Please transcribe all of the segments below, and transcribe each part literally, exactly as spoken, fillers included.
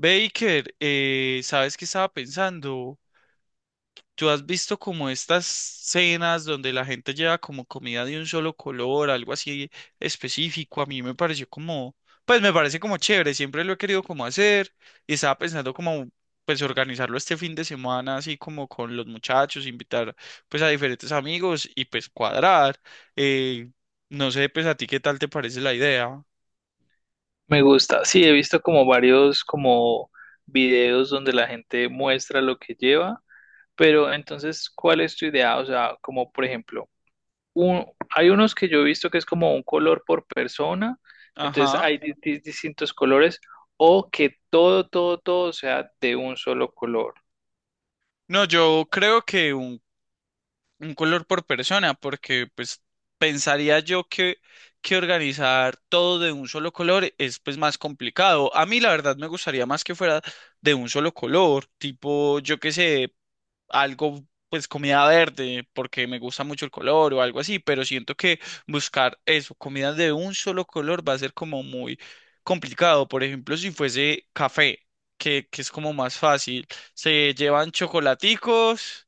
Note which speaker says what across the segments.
Speaker 1: Baker, eh, ¿sabes qué estaba pensando? ¿Tú has visto como estas cenas donde la gente lleva como comida de un solo color, algo así específico? A mí me pareció como, pues me parece como chévere, siempre lo he querido como hacer y estaba pensando como, pues organizarlo este fin de semana, así como con los muchachos, invitar pues a diferentes amigos y pues cuadrar. Eh, no sé, pues a ti qué tal te parece la idea.
Speaker 2: Me gusta, sí, he visto como varios como videos donde la gente muestra lo que lleva, pero entonces, ¿cuál es tu idea? O sea, como por ejemplo, un- hay unos que yo he visto que es como un color por persona, entonces
Speaker 1: Ajá.
Speaker 2: hay di- di- distintos colores, o que todo, todo, todo sea de un solo color.
Speaker 1: No, yo creo que un un color por persona, porque pues pensaría yo que, que organizar todo de un solo color es pues más complicado. A mí la verdad me gustaría más que fuera de un solo color, tipo yo qué sé, algo pues comida verde, porque me gusta mucho el color o algo así, pero siento que buscar eso, comida de un solo color va a ser como muy complicado. Por ejemplo, si fuese café, que, que es como más fácil, se llevan chocolaticos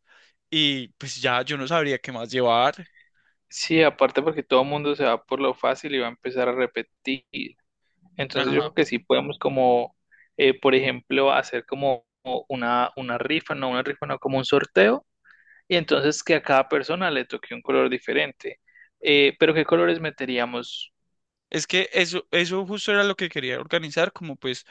Speaker 1: y pues ya yo no sabría qué más llevar.
Speaker 2: Sí, aparte porque todo el mundo se va por lo fácil y va a empezar a repetir. Entonces yo
Speaker 1: Ajá.
Speaker 2: creo que sí podemos como, eh, por ejemplo, hacer como una, una rifa, no una rifa, no como un sorteo, y entonces que a cada persona le toque un color diferente. Eh, pero ¿qué colores meteríamos?
Speaker 1: Es que eso, eso justo era lo que quería organizar, como pues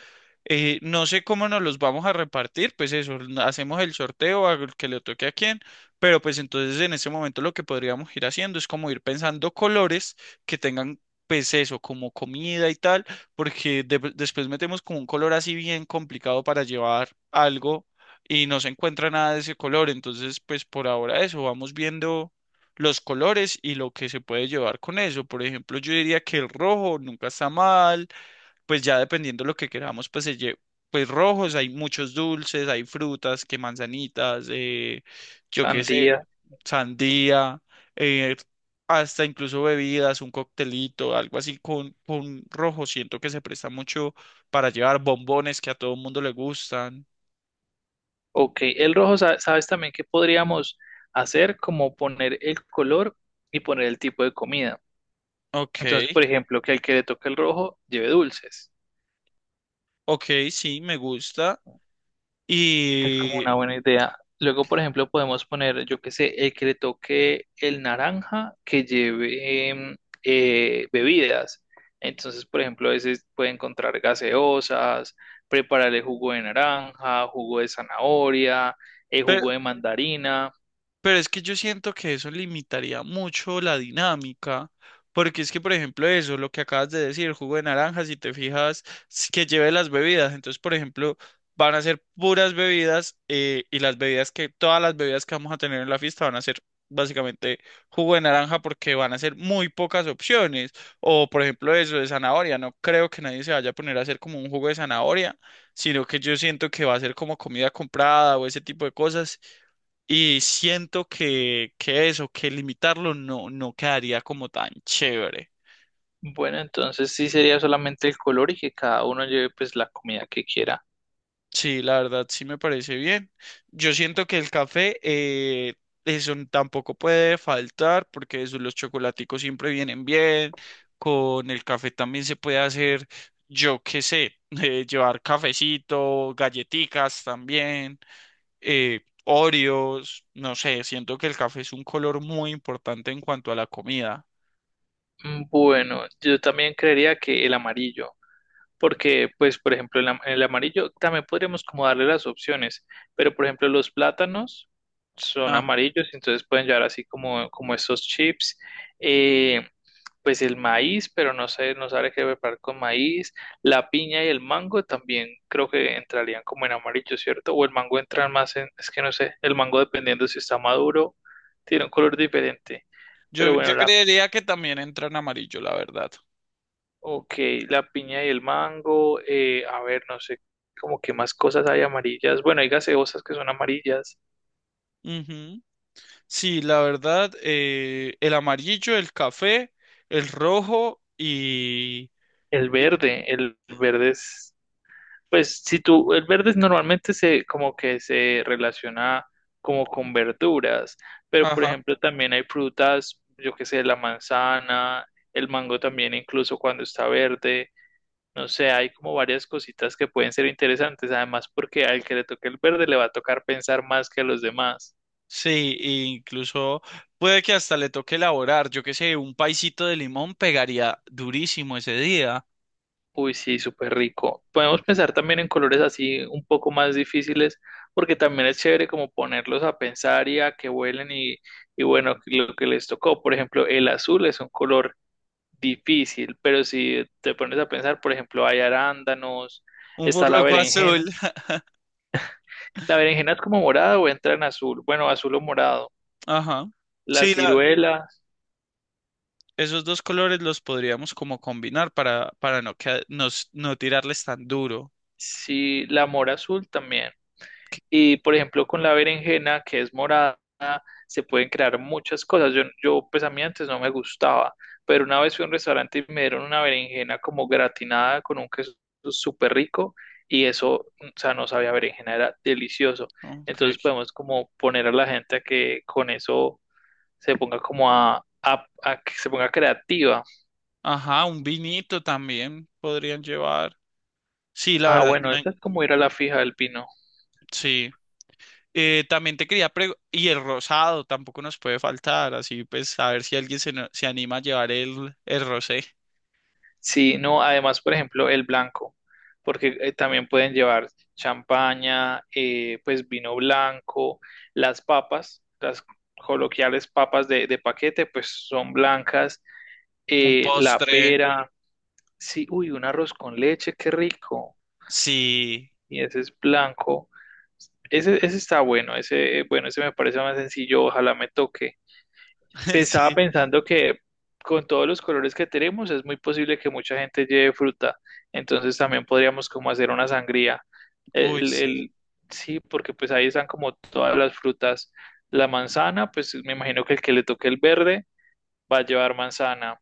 Speaker 1: Eh, no sé cómo nos los vamos a repartir, pues eso, n- hacemos el sorteo a el que le toque a quién, pero pues entonces en este momento lo que podríamos ir haciendo es como ir pensando colores que tengan pues eso, como comida y tal, porque de- después metemos como un color así bien complicado para llevar algo y no se encuentra nada de ese color, entonces pues por ahora eso, vamos viendo los colores y lo que se puede llevar con eso. Por ejemplo, yo diría que el rojo nunca está mal pues ya dependiendo de lo que queramos, pues se lle- pues rojos, hay muchos dulces, hay frutas, que manzanitas, eh, yo qué sé,
Speaker 2: Sandía,
Speaker 1: sandía, eh, hasta incluso bebidas, un coctelito, algo así con, con rojo. Siento que se presta mucho para llevar bombones que a todo el mundo le gustan.
Speaker 2: ok. El rojo, sa- ¿sabes también qué podríamos hacer? Como poner el color y poner el tipo de comida.
Speaker 1: Ok,
Speaker 2: Entonces, por ejemplo, que al que le toque el rojo lleve dulces.
Speaker 1: ok, sí, me gusta.
Speaker 2: Es como
Speaker 1: Y,
Speaker 2: una buena idea. Luego, por ejemplo, podemos poner, yo qué sé, el que le toque el naranja que lleve em, eh, bebidas. Entonces, por ejemplo, a veces puede encontrar gaseosas, prepararle jugo de naranja, jugo de zanahoria, el
Speaker 1: pe-
Speaker 2: jugo de mandarina.
Speaker 1: pero es que yo siento que eso limitaría mucho la dinámica, porque es que, por ejemplo, eso, lo que acabas de decir, el jugo de naranja, si te fijas, es que lleve las bebidas. Entonces, por ejemplo, van a ser puras bebidas eh, y las bebidas que, todas las bebidas que vamos a tener en la fiesta van a ser básicamente jugo de naranja porque van a ser muy pocas opciones. O, por ejemplo, eso de zanahoria. No creo que nadie se vaya a poner a hacer como un jugo de zanahoria, sino que yo siento que va a ser como comida comprada o ese tipo de cosas. Y siento que, que eso, que limitarlo no, no quedaría como tan chévere.
Speaker 2: Bueno, entonces sí sería solamente el color y que cada uno lleve pues la comida que quiera.
Speaker 1: Sí, la verdad sí me parece bien. Yo siento que el café, eh, eso n- tampoco puede faltar porque eso, los chocolaticos siempre vienen bien. Con el café también se puede hacer, yo qué sé, eh, llevar cafecito, galletitas también, eh, Oreos, no sé, siento que el café es un color muy importante en cuanto a la comida.
Speaker 2: Mm, bueno, yo también creería que el amarillo. Porque, pues, por ejemplo, el, am- el amarillo también podríamos como darle las opciones, pero por ejemplo, los plátanos son amarillos, entonces pueden llevar así como, como estos chips. Eh, pues el maíz, pero no sé, no sabe qué preparar con maíz. La piña y el mango también creo que entrarían como en amarillo, ¿cierto? O el mango entra más en, es que no sé, el mango dependiendo si está maduro, tiene un color diferente. Pero
Speaker 1: Yo,
Speaker 2: bueno,
Speaker 1: yo
Speaker 2: la
Speaker 1: creería que también entra en amarillo, la verdad.
Speaker 2: Ok, la piña y el mango. Eh, a ver, no sé, como que más cosas hay amarillas. Bueno, hay gaseosas que son amarillas.
Speaker 1: Ujú. Sí, la verdad, eh, el amarillo, el café, el rojo y...
Speaker 2: El
Speaker 1: y-
Speaker 2: verde, el verde es, pues si tú, el verde es normalmente se, como que se relaciona como con verduras, pero por
Speaker 1: ajá.
Speaker 2: ejemplo también hay frutas, yo qué sé, la manzana, el mango también incluso cuando está verde. No sé, hay como varias cositas que pueden ser interesantes, además porque al que le toque el verde le va a tocar pensar más que a los demás.
Speaker 1: Sí, e incluso puede que hasta le toque elaborar, yo qué sé, un paisito de limón pegaría durísimo ese día.
Speaker 2: Uy, sí, súper rico. Podemos pensar también en colores así un poco más difíciles, porque también es chévere como ponerlos a pensar y a que vuelen y, y bueno, lo que les tocó. Por ejemplo, el azul es un color difícil, pero si te pones a pensar, por ejemplo, hay arándanos,
Speaker 1: Un
Speaker 2: está la
Speaker 1: burloco
Speaker 2: berenjena.
Speaker 1: azul.
Speaker 2: La berenjena es como morada o entra en azul, bueno, azul o morado.
Speaker 1: Ajá.
Speaker 2: La
Speaker 1: Sí, la,
Speaker 2: ciruela,
Speaker 1: esos dos colores los podríamos como combinar para, para no, que, nos, no tirarles tan duro.
Speaker 2: sí, la mora azul también. Y por ejemplo, con la berenjena, que es morada, se pueden crear muchas cosas. Yo, yo, pues a mí antes no me gustaba, pero una vez fui a un restaurante y me dieron una berenjena como gratinada con un queso súper rico y eso, o sea, no sabía a berenjena, era delicioso.
Speaker 1: ¿No? Ok.
Speaker 2: Entonces podemos como poner a la gente a que con eso se ponga como a, a, a que se ponga creativa.
Speaker 1: Ajá, un vinito también podrían llevar. Sí, la
Speaker 2: Ah,
Speaker 1: verdad,
Speaker 2: bueno,
Speaker 1: me-
Speaker 2: eso es como ir a la fija del pino.
Speaker 1: sí. Eh, también te quería preguntar, y el rosado tampoco nos puede faltar, así pues a ver si alguien se, no- se anima a llevar el, el rosé.
Speaker 2: Sí, no, además, por ejemplo, el blanco, porque eh, también pueden llevar champaña, eh, pues vino blanco, las papas, las coloquiales papas de, de paquete, pues son blancas,
Speaker 1: Un
Speaker 2: eh, la
Speaker 1: postre,
Speaker 2: pera, sí, uy, un arroz con leche, qué rico,
Speaker 1: sí,
Speaker 2: y ese es blanco, ese, ese está bueno, ese, eh, bueno, ese me parece más sencillo, ojalá me toque. Pues, estaba
Speaker 1: sí,
Speaker 2: pensando que con todos los colores que tenemos es muy posible que mucha gente lleve fruta. Entonces también podríamos como hacer una sangría.
Speaker 1: uy,
Speaker 2: El,
Speaker 1: sí.
Speaker 2: el- sí, porque pues ahí están como todas las frutas. La manzana, pues me imagino que el que le toque el verde va a llevar manzana.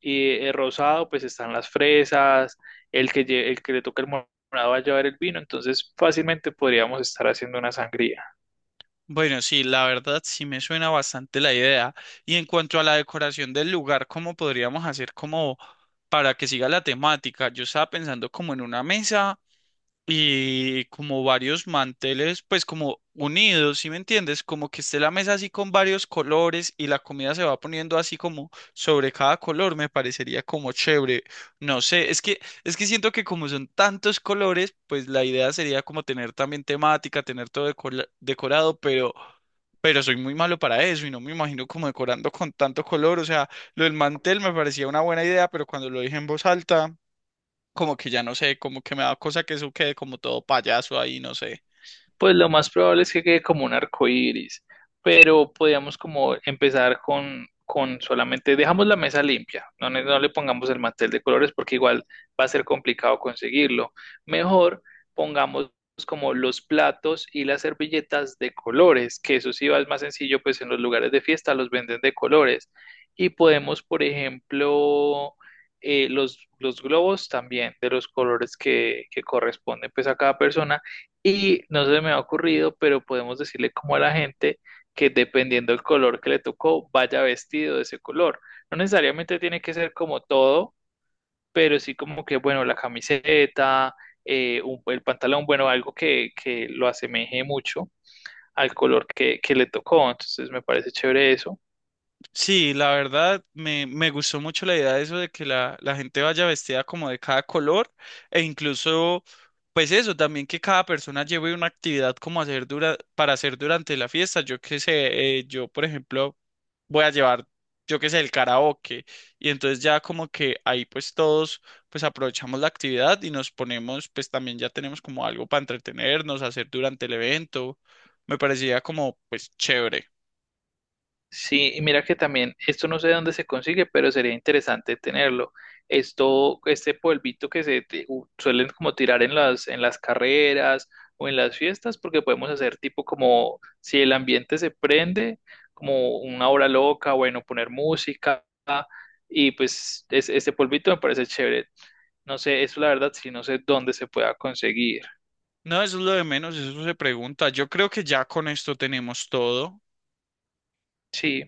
Speaker 2: Y el rosado, pues están las fresas. El que, lle- el que le toque el morado va a llevar el vino. Entonces fácilmente podríamos estar haciendo una sangría.
Speaker 1: Bueno, sí, la verdad sí me suena bastante la idea. Y en cuanto a la decoración del lugar, ¿cómo podríamos hacer como para que siga la temática? Yo estaba pensando como en una mesa y como varios manteles, pues como unidos, ¿sí me entiendes? Como que esté la mesa así con varios colores y la comida se va poniendo así como sobre cada color, me parecería como chévere. No sé, es que es que siento que como son tantos colores, pues la idea sería como tener también temática, tener todo decola- decorado, pero pero soy muy malo para eso y no me imagino como decorando con tanto color, o sea, lo del mantel me parecía una buena idea, pero cuando lo dije en voz alta como que ya no sé, como que me da cosa que eso quede como todo payaso ahí, no sé.
Speaker 2: Pues lo más probable es que quede como un arco iris, pero podríamos como empezar con, con solamente, dejamos la mesa limpia, no, le- no le pongamos el mantel de colores porque igual va a ser complicado conseguirlo. Mejor pongamos como los platos y las servilletas de colores, que eso sí va es más sencillo, pues en los lugares de fiesta los venden de colores. Y podemos, por ejemplo, eh, los, los globos también, de los colores que, que corresponden pues a cada persona y no se me ha ocurrido, pero podemos decirle como a la gente que dependiendo del color que le tocó, vaya vestido de ese color. No necesariamente tiene que ser como todo, pero sí como que, bueno, la camiseta, eh, un- el pantalón, bueno, algo que, que lo asemeje mucho al color que, que le tocó. Entonces me parece chévere eso.
Speaker 1: Sí, la verdad me, me gustó mucho la idea de eso de que la, la gente vaya vestida como de cada color e incluso, pues eso, también que cada persona lleve una actividad como hacer dura, para hacer durante la fiesta. Yo qué sé, eh, yo por ejemplo... voy a llevar, yo qué sé, el karaoke. Y entonces ya como que ahí pues todos pues aprovechamos la actividad y nos ponemos, pues también ya tenemos como algo para entretenernos, hacer durante el evento. Me parecía como pues chévere.
Speaker 2: Sí, y mira que también, esto no sé de dónde se consigue, pero sería interesante tenerlo. Esto, este polvito que se te- u- suelen como tirar en las, en las carreras o en las fiestas, porque podemos hacer tipo como si el ambiente se prende, como una hora loca, bueno, poner música, y pues es- ese polvito me parece chévere. No sé, eso la verdad, sí, no sé dónde se pueda conseguir.
Speaker 1: No, eso es lo de menos, eso se pregunta. Yo creo que ya con esto tenemos todo.
Speaker 2: Sí.